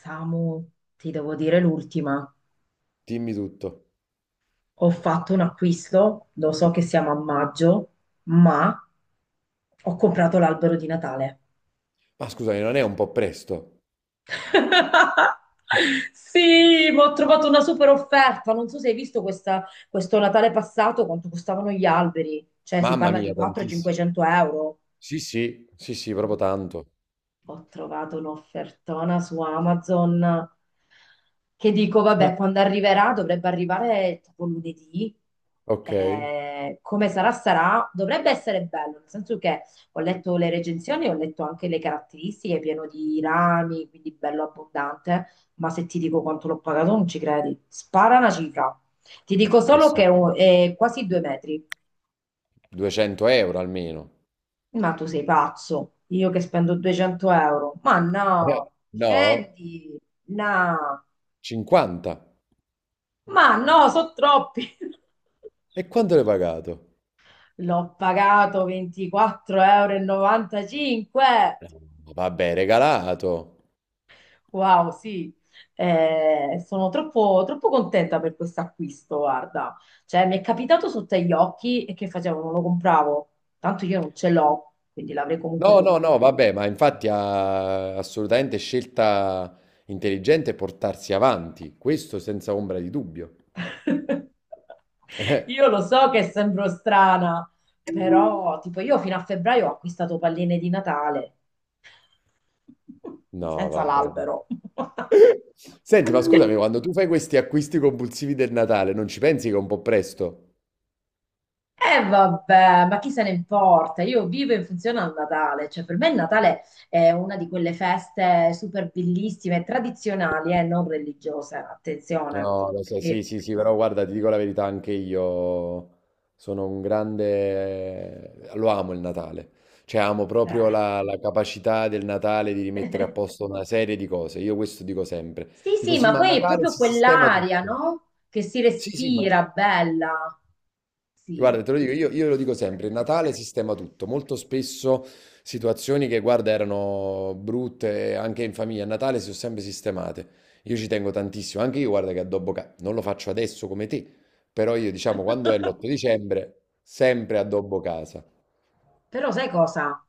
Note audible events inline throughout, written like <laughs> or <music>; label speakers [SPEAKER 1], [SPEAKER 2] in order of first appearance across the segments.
[SPEAKER 1] Samu, ti devo dire l'ultima.
[SPEAKER 2] Dimmi tutto.
[SPEAKER 1] Ho fatto un acquisto, lo so che siamo a maggio, ma ho comprato l'albero di Natale.
[SPEAKER 2] Ma scusami, non è un po' presto?
[SPEAKER 1] <laughs> Sì, ma ho trovato una super offerta. Non so se hai visto questo Natale passato quanto costavano gli alberi. Cioè, si
[SPEAKER 2] Mamma
[SPEAKER 1] parla di
[SPEAKER 2] mia, tantissimo.
[SPEAKER 1] 400-500 euro.
[SPEAKER 2] Sì, sì, sì, sì, proprio tanto.
[SPEAKER 1] Ho trovato un'offertona su Amazon che dico, vabbè, quando
[SPEAKER 2] <laughs>
[SPEAKER 1] arriverà, dovrebbe arrivare tipo lunedì.
[SPEAKER 2] Ok,
[SPEAKER 1] Come sarà, sarà. Dovrebbe essere bello, nel senso che ho letto le recensioni, ho letto anche le caratteristiche, pieno di rami, quindi bello abbondante. Ma se ti dico quanto l'ho pagato, non ci credi. Spara una cifra. Ti
[SPEAKER 2] ma
[SPEAKER 1] dico
[SPEAKER 2] che
[SPEAKER 1] solo che
[SPEAKER 2] so,
[SPEAKER 1] è quasi 2 metri.
[SPEAKER 2] 200 euro almeno.
[SPEAKER 1] Ma tu sei pazzo, io che spendo 200 euro. Ma
[SPEAKER 2] Eh,
[SPEAKER 1] no,
[SPEAKER 2] no,
[SPEAKER 1] scendi, no,
[SPEAKER 2] 50.
[SPEAKER 1] ma no, sono troppi. <laughs>
[SPEAKER 2] E quanto l'hai pagato?
[SPEAKER 1] L'ho pagato 24,95 euro.
[SPEAKER 2] Eh, Vabbè, regalato.
[SPEAKER 1] Wow, sì. Sono troppo, troppo contenta per questo acquisto, guarda. Cioè, mi è capitato sotto agli occhi e che facevo? Non lo compravo, tanto io non ce l'ho, quindi l'avrei comunque.
[SPEAKER 2] No, no, no, vabbè, ma infatti ha assolutamente scelta intelligente portarsi avanti, questo senza ombra di dubbio. <laughs> Eh,
[SPEAKER 1] Io lo so che sembro strana, però tipo io fino a febbraio ho acquistato palline di Natale <laughs>
[SPEAKER 2] no,
[SPEAKER 1] senza
[SPEAKER 2] vabbè.
[SPEAKER 1] l'albero. <laughs>
[SPEAKER 2] Senti, ma scusami, quando tu fai questi acquisti compulsivi del Natale, non ci pensi che è un po' presto?
[SPEAKER 1] E vabbè, ma chi se ne importa? Io vivo in funzione al Natale, cioè per me il Natale è una di quelle feste super bellissime, tradizionali e non religiose, attenzione,
[SPEAKER 2] No, lo sai, sì,
[SPEAKER 1] perché
[SPEAKER 2] sì, sì, però guarda, ti dico la verità, anche io sono un grande... lo amo il Natale, cioè amo proprio
[SPEAKER 1] eh.
[SPEAKER 2] la capacità del Natale di rimettere a posto una serie di cose, io questo dico sempre,
[SPEAKER 1] Sì,
[SPEAKER 2] dico
[SPEAKER 1] sì,
[SPEAKER 2] sì,
[SPEAKER 1] ma
[SPEAKER 2] ma a
[SPEAKER 1] poi è
[SPEAKER 2] Natale
[SPEAKER 1] proprio
[SPEAKER 2] si sistema
[SPEAKER 1] quell'aria,
[SPEAKER 2] tutto,
[SPEAKER 1] no? Che si
[SPEAKER 2] sì, sì, ma
[SPEAKER 1] respira bella. Sì,
[SPEAKER 2] guarda, te lo dico, io lo dico sempre, Natale sistema tutto, molto spesso situazioni che, guarda, erano brutte anche in famiglia, a Natale si sono sempre sistemate. Io ci tengo tantissimo, anche io, guarda, che addobbo casa, non lo faccio adesso come te, però io, diciamo, quando è l'8 dicembre, sempre addobbo casa.
[SPEAKER 1] però sai cosa?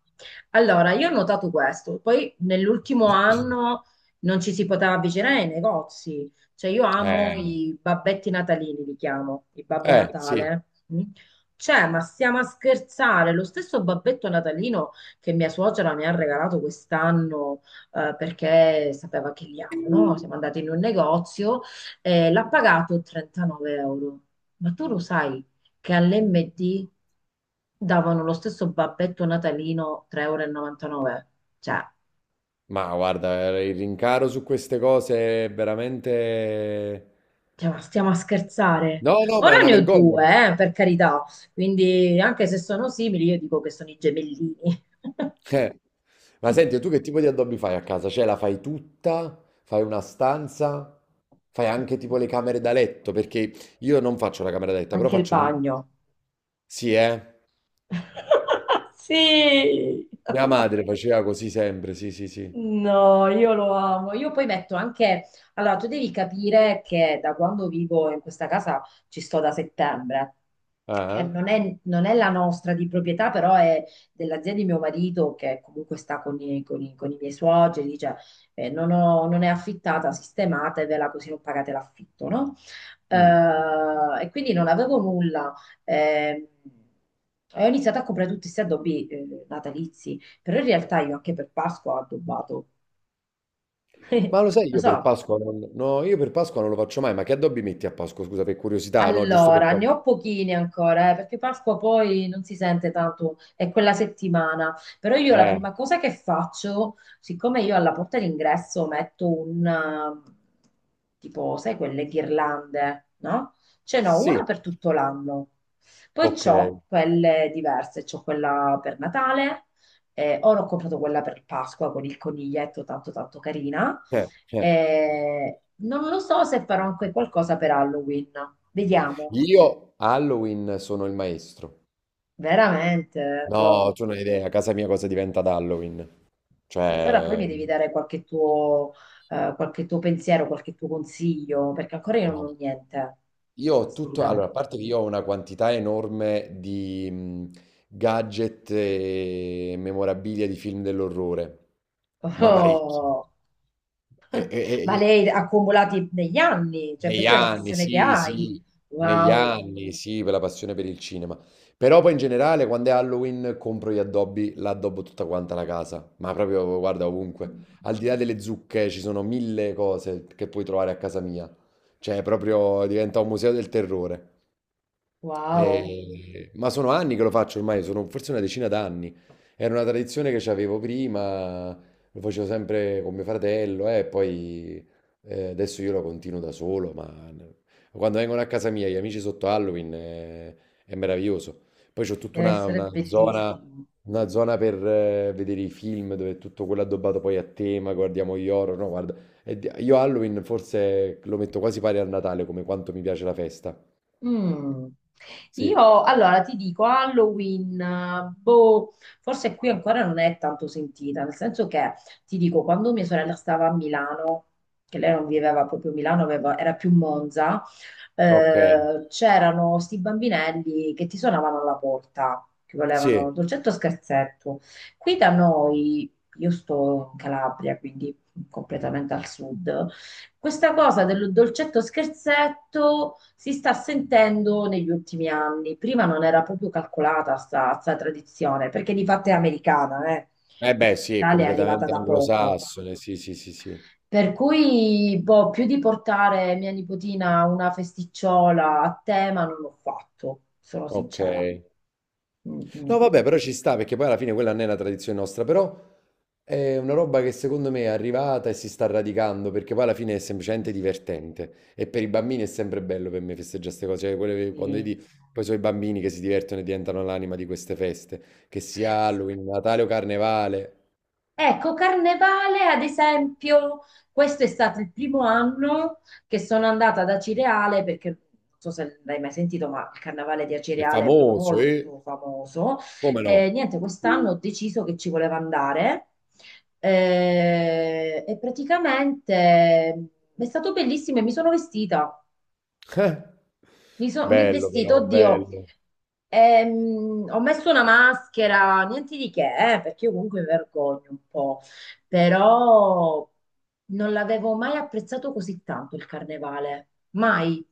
[SPEAKER 1] Allora, io ho notato questo, poi nell'ultimo
[SPEAKER 2] <coughs>
[SPEAKER 1] anno non ci si poteva avvicinare ai negozi, cioè io amo
[SPEAKER 2] Eh,
[SPEAKER 1] i babbetti natalini, li chiamo, il Babbo
[SPEAKER 2] sì,
[SPEAKER 1] Natale. Mm? Cioè, ma stiamo a scherzare, lo stesso babbetto natalino che mia suocera mi ha regalato quest'anno perché sapeva che li amo, no? Siamo andati in un negozio e l'ha pagato 39 euro. Ma tu lo sai che all'MD davano lo stesso babbetto natalino 3,99 euro. E 99. Cioè,
[SPEAKER 2] ma guarda, il rincaro su queste cose è veramente...
[SPEAKER 1] stiamo a scherzare.
[SPEAKER 2] No, no, ma è
[SPEAKER 1] Ora
[SPEAKER 2] una
[SPEAKER 1] ne ho
[SPEAKER 2] vergogna.
[SPEAKER 1] due, per carità. Quindi, anche se sono simili, io dico che sono i gemellini. <laughs>
[SPEAKER 2] Eh. Ma senti, tu che tipo di addobbi fai a casa? Cioè, la fai tutta? Fai una stanza? Fai anche tipo le camere da letto? Perché io non faccio la camera da letto, però
[SPEAKER 1] Anche il
[SPEAKER 2] faccio l'in...
[SPEAKER 1] bagno.
[SPEAKER 2] Sì, eh?
[SPEAKER 1] <laughs> Sì.
[SPEAKER 2] Mia madre faceva così sempre, sì, sì, sì.
[SPEAKER 1] No, io lo amo. Io poi metto anche... Allora, tu devi capire che da quando vivo in questa casa ci sto da settembre, che
[SPEAKER 2] Ah,
[SPEAKER 1] non è la nostra di proprietà, però è dell'azienda di mio marito che comunque sta con con i miei suoceri, dice non è affittata, sistematevela così non pagate l'affitto, no?
[SPEAKER 2] eh? Mm.
[SPEAKER 1] E quindi non avevo nulla. Ehm, e ho iniziato a comprare tutti questi addobbi natalizi, però in realtà io anche per Pasqua ho addobbato.
[SPEAKER 2] Ma
[SPEAKER 1] <laughs>
[SPEAKER 2] lo sai,
[SPEAKER 1] Lo
[SPEAKER 2] io per
[SPEAKER 1] so.
[SPEAKER 2] Pasqua non... No, io per Pasqua non lo faccio mai, ma che addobbi metti a Pasqua? Scusa, per curiosità, no? Giusto per...
[SPEAKER 1] Allora,
[SPEAKER 2] cap-
[SPEAKER 1] ne ho pochine ancora, perché Pasqua poi non si sente tanto, è quella settimana. Però io la
[SPEAKER 2] Eh,
[SPEAKER 1] prima cosa che faccio, siccome io alla porta d'ingresso metto un, tipo, sai, quelle ghirlande, no? Ce n'ho una
[SPEAKER 2] sì,
[SPEAKER 1] per tutto l'anno. Poi
[SPEAKER 2] ok.
[SPEAKER 1] c'ho quelle diverse, c'ho quella per Natale, ora ho comprato quella per Pasqua con il coniglietto tanto tanto carina.
[SPEAKER 2] Eh.
[SPEAKER 1] Non lo so se farò anche qualcosa per Halloween. Vediamo,
[SPEAKER 2] Io Halloween sono il maestro.
[SPEAKER 1] veramente.
[SPEAKER 2] No,
[SPEAKER 1] Wow.
[SPEAKER 2] tu non hai idea, a casa mia cosa diventa ad Halloween.
[SPEAKER 1] E allora poi
[SPEAKER 2] Cioè,
[SPEAKER 1] mi devi dare qualche tuo pensiero, qualche tuo consiglio, perché ancora io non
[SPEAKER 2] no.
[SPEAKER 1] ho niente.
[SPEAKER 2] Io ho tutto, allora,
[SPEAKER 1] Assolutamente.
[SPEAKER 2] a parte che io ho una quantità enorme di gadget e memorabilia di film dell'orrore, ma parecchi.
[SPEAKER 1] Oh.
[SPEAKER 2] E, e-
[SPEAKER 1] Ma
[SPEAKER 2] e-
[SPEAKER 1] lei ha accumulati negli anni, cioè
[SPEAKER 2] Negli
[SPEAKER 1] proprio è una
[SPEAKER 2] anni,
[SPEAKER 1] passione che
[SPEAKER 2] sì,
[SPEAKER 1] hai.
[SPEAKER 2] sì, negli
[SPEAKER 1] Wow,
[SPEAKER 2] anni, sì, per la passione per il cinema. Però poi in generale, quando è Halloween, compro gli addobbi, l'addobbo tutta quanta la casa. Ma proprio, guarda, ovunque. Al di là delle zucche, ci sono mille cose che puoi trovare a casa mia. Cioè, proprio diventa un museo del terrore.
[SPEAKER 1] wow,
[SPEAKER 2] Ma sono anni che lo faccio ormai, sono forse una decina d'anni. Era una tradizione che avevo prima, lo facevo sempre con mio fratello e poi adesso io lo continuo da solo, ma quando vengono a casa mia gli amici sotto Halloween è meraviglioso. Poi c'ho tutta
[SPEAKER 1] deve
[SPEAKER 2] una,
[SPEAKER 1] essere
[SPEAKER 2] una zona,
[SPEAKER 1] bellissimo.
[SPEAKER 2] una zona per vedere i film dove è tutto quello addobbato poi a tema, guardiamo gli horror, no, guarda. Io Halloween forse lo metto quasi pari al Natale come quanto mi piace la festa.
[SPEAKER 1] Mm.
[SPEAKER 2] Sì.
[SPEAKER 1] Io allora ti dico Halloween, boh, forse qui ancora non è tanto sentita, nel senso che ti dico quando mia sorella stava a Milano, che lei non viveva proprio a Milano, era più Monza,
[SPEAKER 2] Okay,
[SPEAKER 1] c'erano sti bambinelli che ti suonavano alla porta, che volevano
[SPEAKER 2] sì.
[SPEAKER 1] dolcetto o scherzetto. Qui da noi, io sto in Calabria, quindi completamente al sud, questa cosa del dolcetto scherzetto si sta sentendo negli ultimi anni. Prima non era proprio calcolata sta tradizione, perché di fatto è americana, eh.
[SPEAKER 2] Eh beh
[SPEAKER 1] Quindi in
[SPEAKER 2] sì, è
[SPEAKER 1] Italia è arrivata
[SPEAKER 2] completamente
[SPEAKER 1] da poco.
[SPEAKER 2] anglosassone, sì, sì, sì, sì.
[SPEAKER 1] Per cui, boh, più di portare mia nipotina a una festicciola a tema non l'ho fatto, sono sincera.
[SPEAKER 2] Okay.
[SPEAKER 1] Mm, mm.
[SPEAKER 2] No vabbè, però ci sta perché poi alla fine quella non è una tradizione nostra, però è una roba che secondo me è arrivata e si sta radicando, perché poi alla fine è semplicemente divertente e per i bambini è sempre bello per me festeggiare 'ste cose, cioè quelle quando
[SPEAKER 1] Sì.
[SPEAKER 2] vedi poi sono i bambini che si divertono e diventano l'anima di queste feste, che sia Halloween, Natale o Carnevale,
[SPEAKER 1] Ecco, Carnevale, ad esempio, questo è stato il primo anno che sono andata ad Acireale, perché non so se l'hai mai sentito, ma il Carnevale di
[SPEAKER 2] è
[SPEAKER 1] Acireale è
[SPEAKER 2] famoso,
[SPEAKER 1] molto famoso.
[SPEAKER 2] come
[SPEAKER 1] Eh,
[SPEAKER 2] no.
[SPEAKER 1] niente, quest'anno ho deciso che ci voleva andare e praticamente è stato bellissimo e mi sono vestita.
[SPEAKER 2] <laughs> Eh.
[SPEAKER 1] Mi sono
[SPEAKER 2] Bello
[SPEAKER 1] vestito,
[SPEAKER 2] però,
[SPEAKER 1] oddio,
[SPEAKER 2] bello.
[SPEAKER 1] ho messo una maschera, niente di che, perché io comunque mi vergogno un po', però non l'avevo mai apprezzato così tanto il carnevale, mai.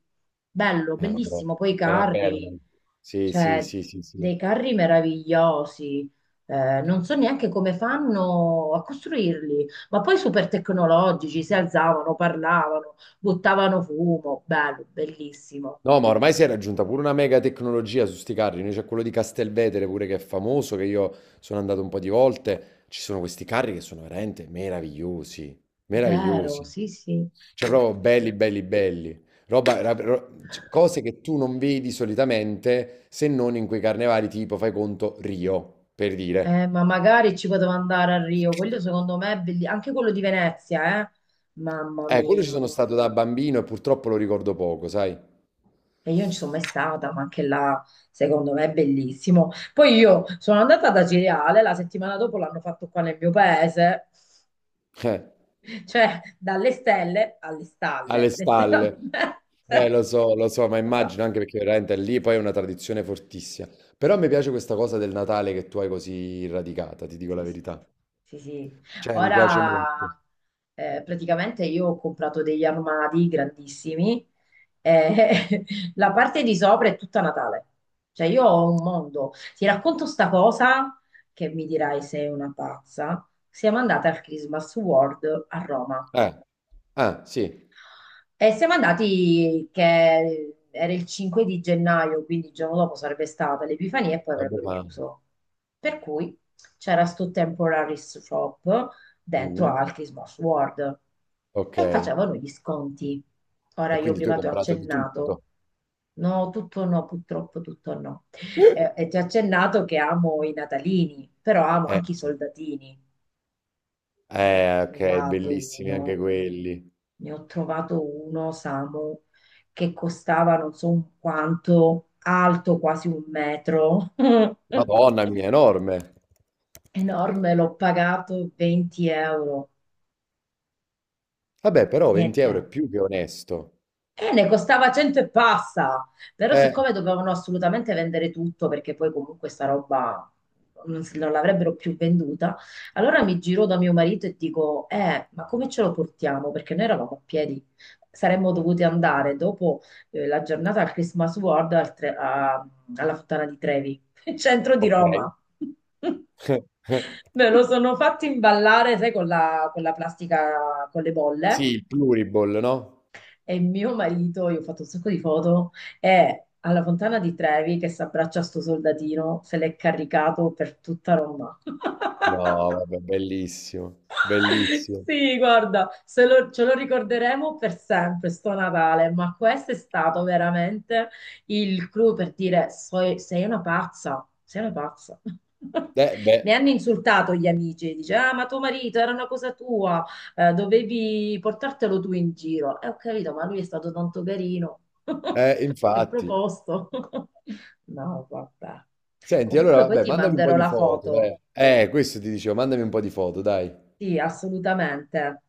[SPEAKER 1] Bello,
[SPEAKER 2] Vabbè,
[SPEAKER 1] bellissimo, poi i
[SPEAKER 2] però è bello.
[SPEAKER 1] carri,
[SPEAKER 2] Eh. Sì, sì,
[SPEAKER 1] cioè
[SPEAKER 2] sì, sì, sì.
[SPEAKER 1] dei carri meravigliosi. Non so neanche come fanno a costruirli, ma poi super tecnologici, si alzavano, parlavano, buttavano fumo, bello, bellissimo.
[SPEAKER 2] No, ma ormai si è raggiunta pure una mega tecnologia su sti carri. Noi c'è quello di Castelvetere pure che è famoso, che io sono andato un po' di volte. Ci sono questi carri che sono veramente meravigliosi,
[SPEAKER 1] Vero,
[SPEAKER 2] meravigliosi.
[SPEAKER 1] sì, sì.
[SPEAKER 2] Cioè proprio belli,
[SPEAKER 1] Sì.
[SPEAKER 2] belli, belli. Roba, cose che tu non vedi solitamente se non in quei carnevali tipo, fai conto, Rio, per dire.
[SPEAKER 1] Ma magari ci potevo andare a Rio, quello secondo me è bellissimo, anche quello di Venezia, eh? Mamma
[SPEAKER 2] Quello ci
[SPEAKER 1] mia.
[SPEAKER 2] sono stato da bambino e purtroppo lo ricordo poco, sai?
[SPEAKER 1] E io non ci sono mai stata, ma anche là secondo me è bellissimo. Poi io sono andata da Cireale, la settimana dopo l'hanno fatto qua nel mio paese,
[SPEAKER 2] Eh.
[SPEAKER 1] cioè dalle stelle alle
[SPEAKER 2] Alle
[SPEAKER 1] stalle,
[SPEAKER 2] stalle.
[SPEAKER 1] letteralmente. <laughs>
[SPEAKER 2] Lo so, ma immagino anche perché veramente lì poi è una tradizione fortissima. Però mi piace questa cosa del Natale che tu hai così radicata, ti dico la
[SPEAKER 1] Sì, sì,
[SPEAKER 2] verità.
[SPEAKER 1] sì, sì.
[SPEAKER 2] Cioè, mi piace
[SPEAKER 1] Ora
[SPEAKER 2] molto.
[SPEAKER 1] praticamente io ho comprato degli armadi grandissimi e <laughs> la parte di sopra è tutta Natale. Cioè io ho un mondo. Ti racconto sta cosa che mi dirai sei una pazza. Siamo andate al Christmas World a Roma.
[SPEAKER 2] Eh, ah, sì,
[SPEAKER 1] E siamo andati che era il 5 di gennaio, quindi il giorno dopo sarebbe stata l'Epifania e poi
[SPEAKER 2] vabbè,
[SPEAKER 1] avrebbero
[SPEAKER 2] ma...
[SPEAKER 1] chiuso. Per cui c'era sto temporary shop dentro
[SPEAKER 2] mm,
[SPEAKER 1] al Christmas World
[SPEAKER 2] ok.
[SPEAKER 1] e facevano gli sconti. Ora
[SPEAKER 2] E
[SPEAKER 1] io
[SPEAKER 2] quindi tu hai
[SPEAKER 1] prima ti ho
[SPEAKER 2] comprato di
[SPEAKER 1] accennato.
[SPEAKER 2] tutto.
[SPEAKER 1] No, tutto no, purtroppo tutto no. E ti
[SPEAKER 2] <laughs>
[SPEAKER 1] ho accennato che amo i natalini, però amo anche i
[SPEAKER 2] Sì.
[SPEAKER 1] soldatini. Ne ho
[SPEAKER 2] Eh, ok,
[SPEAKER 1] trovato
[SPEAKER 2] bellissimi
[SPEAKER 1] uno.
[SPEAKER 2] anche quelli.
[SPEAKER 1] Ne ho trovato uno, Samu, che costava non so quanto, alto quasi un metro, <laughs>
[SPEAKER 2] Madonna mia, enorme.
[SPEAKER 1] enorme, l'ho pagato 20 euro.
[SPEAKER 2] Vabbè, però 20 euro è
[SPEAKER 1] Niente.
[SPEAKER 2] più che onesto.
[SPEAKER 1] E ne costava 100 e passa, però
[SPEAKER 2] Eh,
[SPEAKER 1] siccome dovevano assolutamente vendere tutto perché poi comunque sta roba non l'avrebbero più venduta, allora mi giro da mio marito e dico, ma come ce lo portiamo? Perché noi eravamo a piedi, saremmo dovuti andare dopo la giornata al Christmas World alla Fontana di Trevi, <laughs> centro di
[SPEAKER 2] ok.
[SPEAKER 1] Roma. <laughs>
[SPEAKER 2] <laughs>
[SPEAKER 1] Me lo sono fatto imballare, sai, con la plastica con le
[SPEAKER 2] Sì,
[SPEAKER 1] bolle.
[SPEAKER 2] il pluriball, no?
[SPEAKER 1] E mio marito, io ho fatto un sacco di foto, è alla Fontana di Trevi che si abbraccia a sto soldatino, se l'è caricato per tutta Roma.
[SPEAKER 2] No,
[SPEAKER 1] <laughs>
[SPEAKER 2] vabbè, bellissimo, bellissimo.
[SPEAKER 1] Sì, guarda, se lo- ce lo ricorderemo per sempre, sto Natale, ma questo è stato veramente il clou per dire Sei una pazza, sei una pazza". <laughs>
[SPEAKER 2] Beh,
[SPEAKER 1] Mi hanno insultato gli amici, dice, ah, ma tuo marito era una cosa tua, dovevi portartelo tu in giro. E ho capito, ma lui è stato tanto carino, <laughs> è
[SPEAKER 2] infatti.
[SPEAKER 1] proposto. <laughs> No, vabbè.
[SPEAKER 2] Senti, allora,
[SPEAKER 1] Comunque poi
[SPEAKER 2] vabbè,
[SPEAKER 1] ti
[SPEAKER 2] mandami un po'
[SPEAKER 1] manderò
[SPEAKER 2] di
[SPEAKER 1] la
[SPEAKER 2] foto,
[SPEAKER 1] foto.
[SPEAKER 2] eh. Questo ti dicevo, mandami
[SPEAKER 1] Sì,
[SPEAKER 2] un po' di foto, dai.
[SPEAKER 1] sì, assolutamente.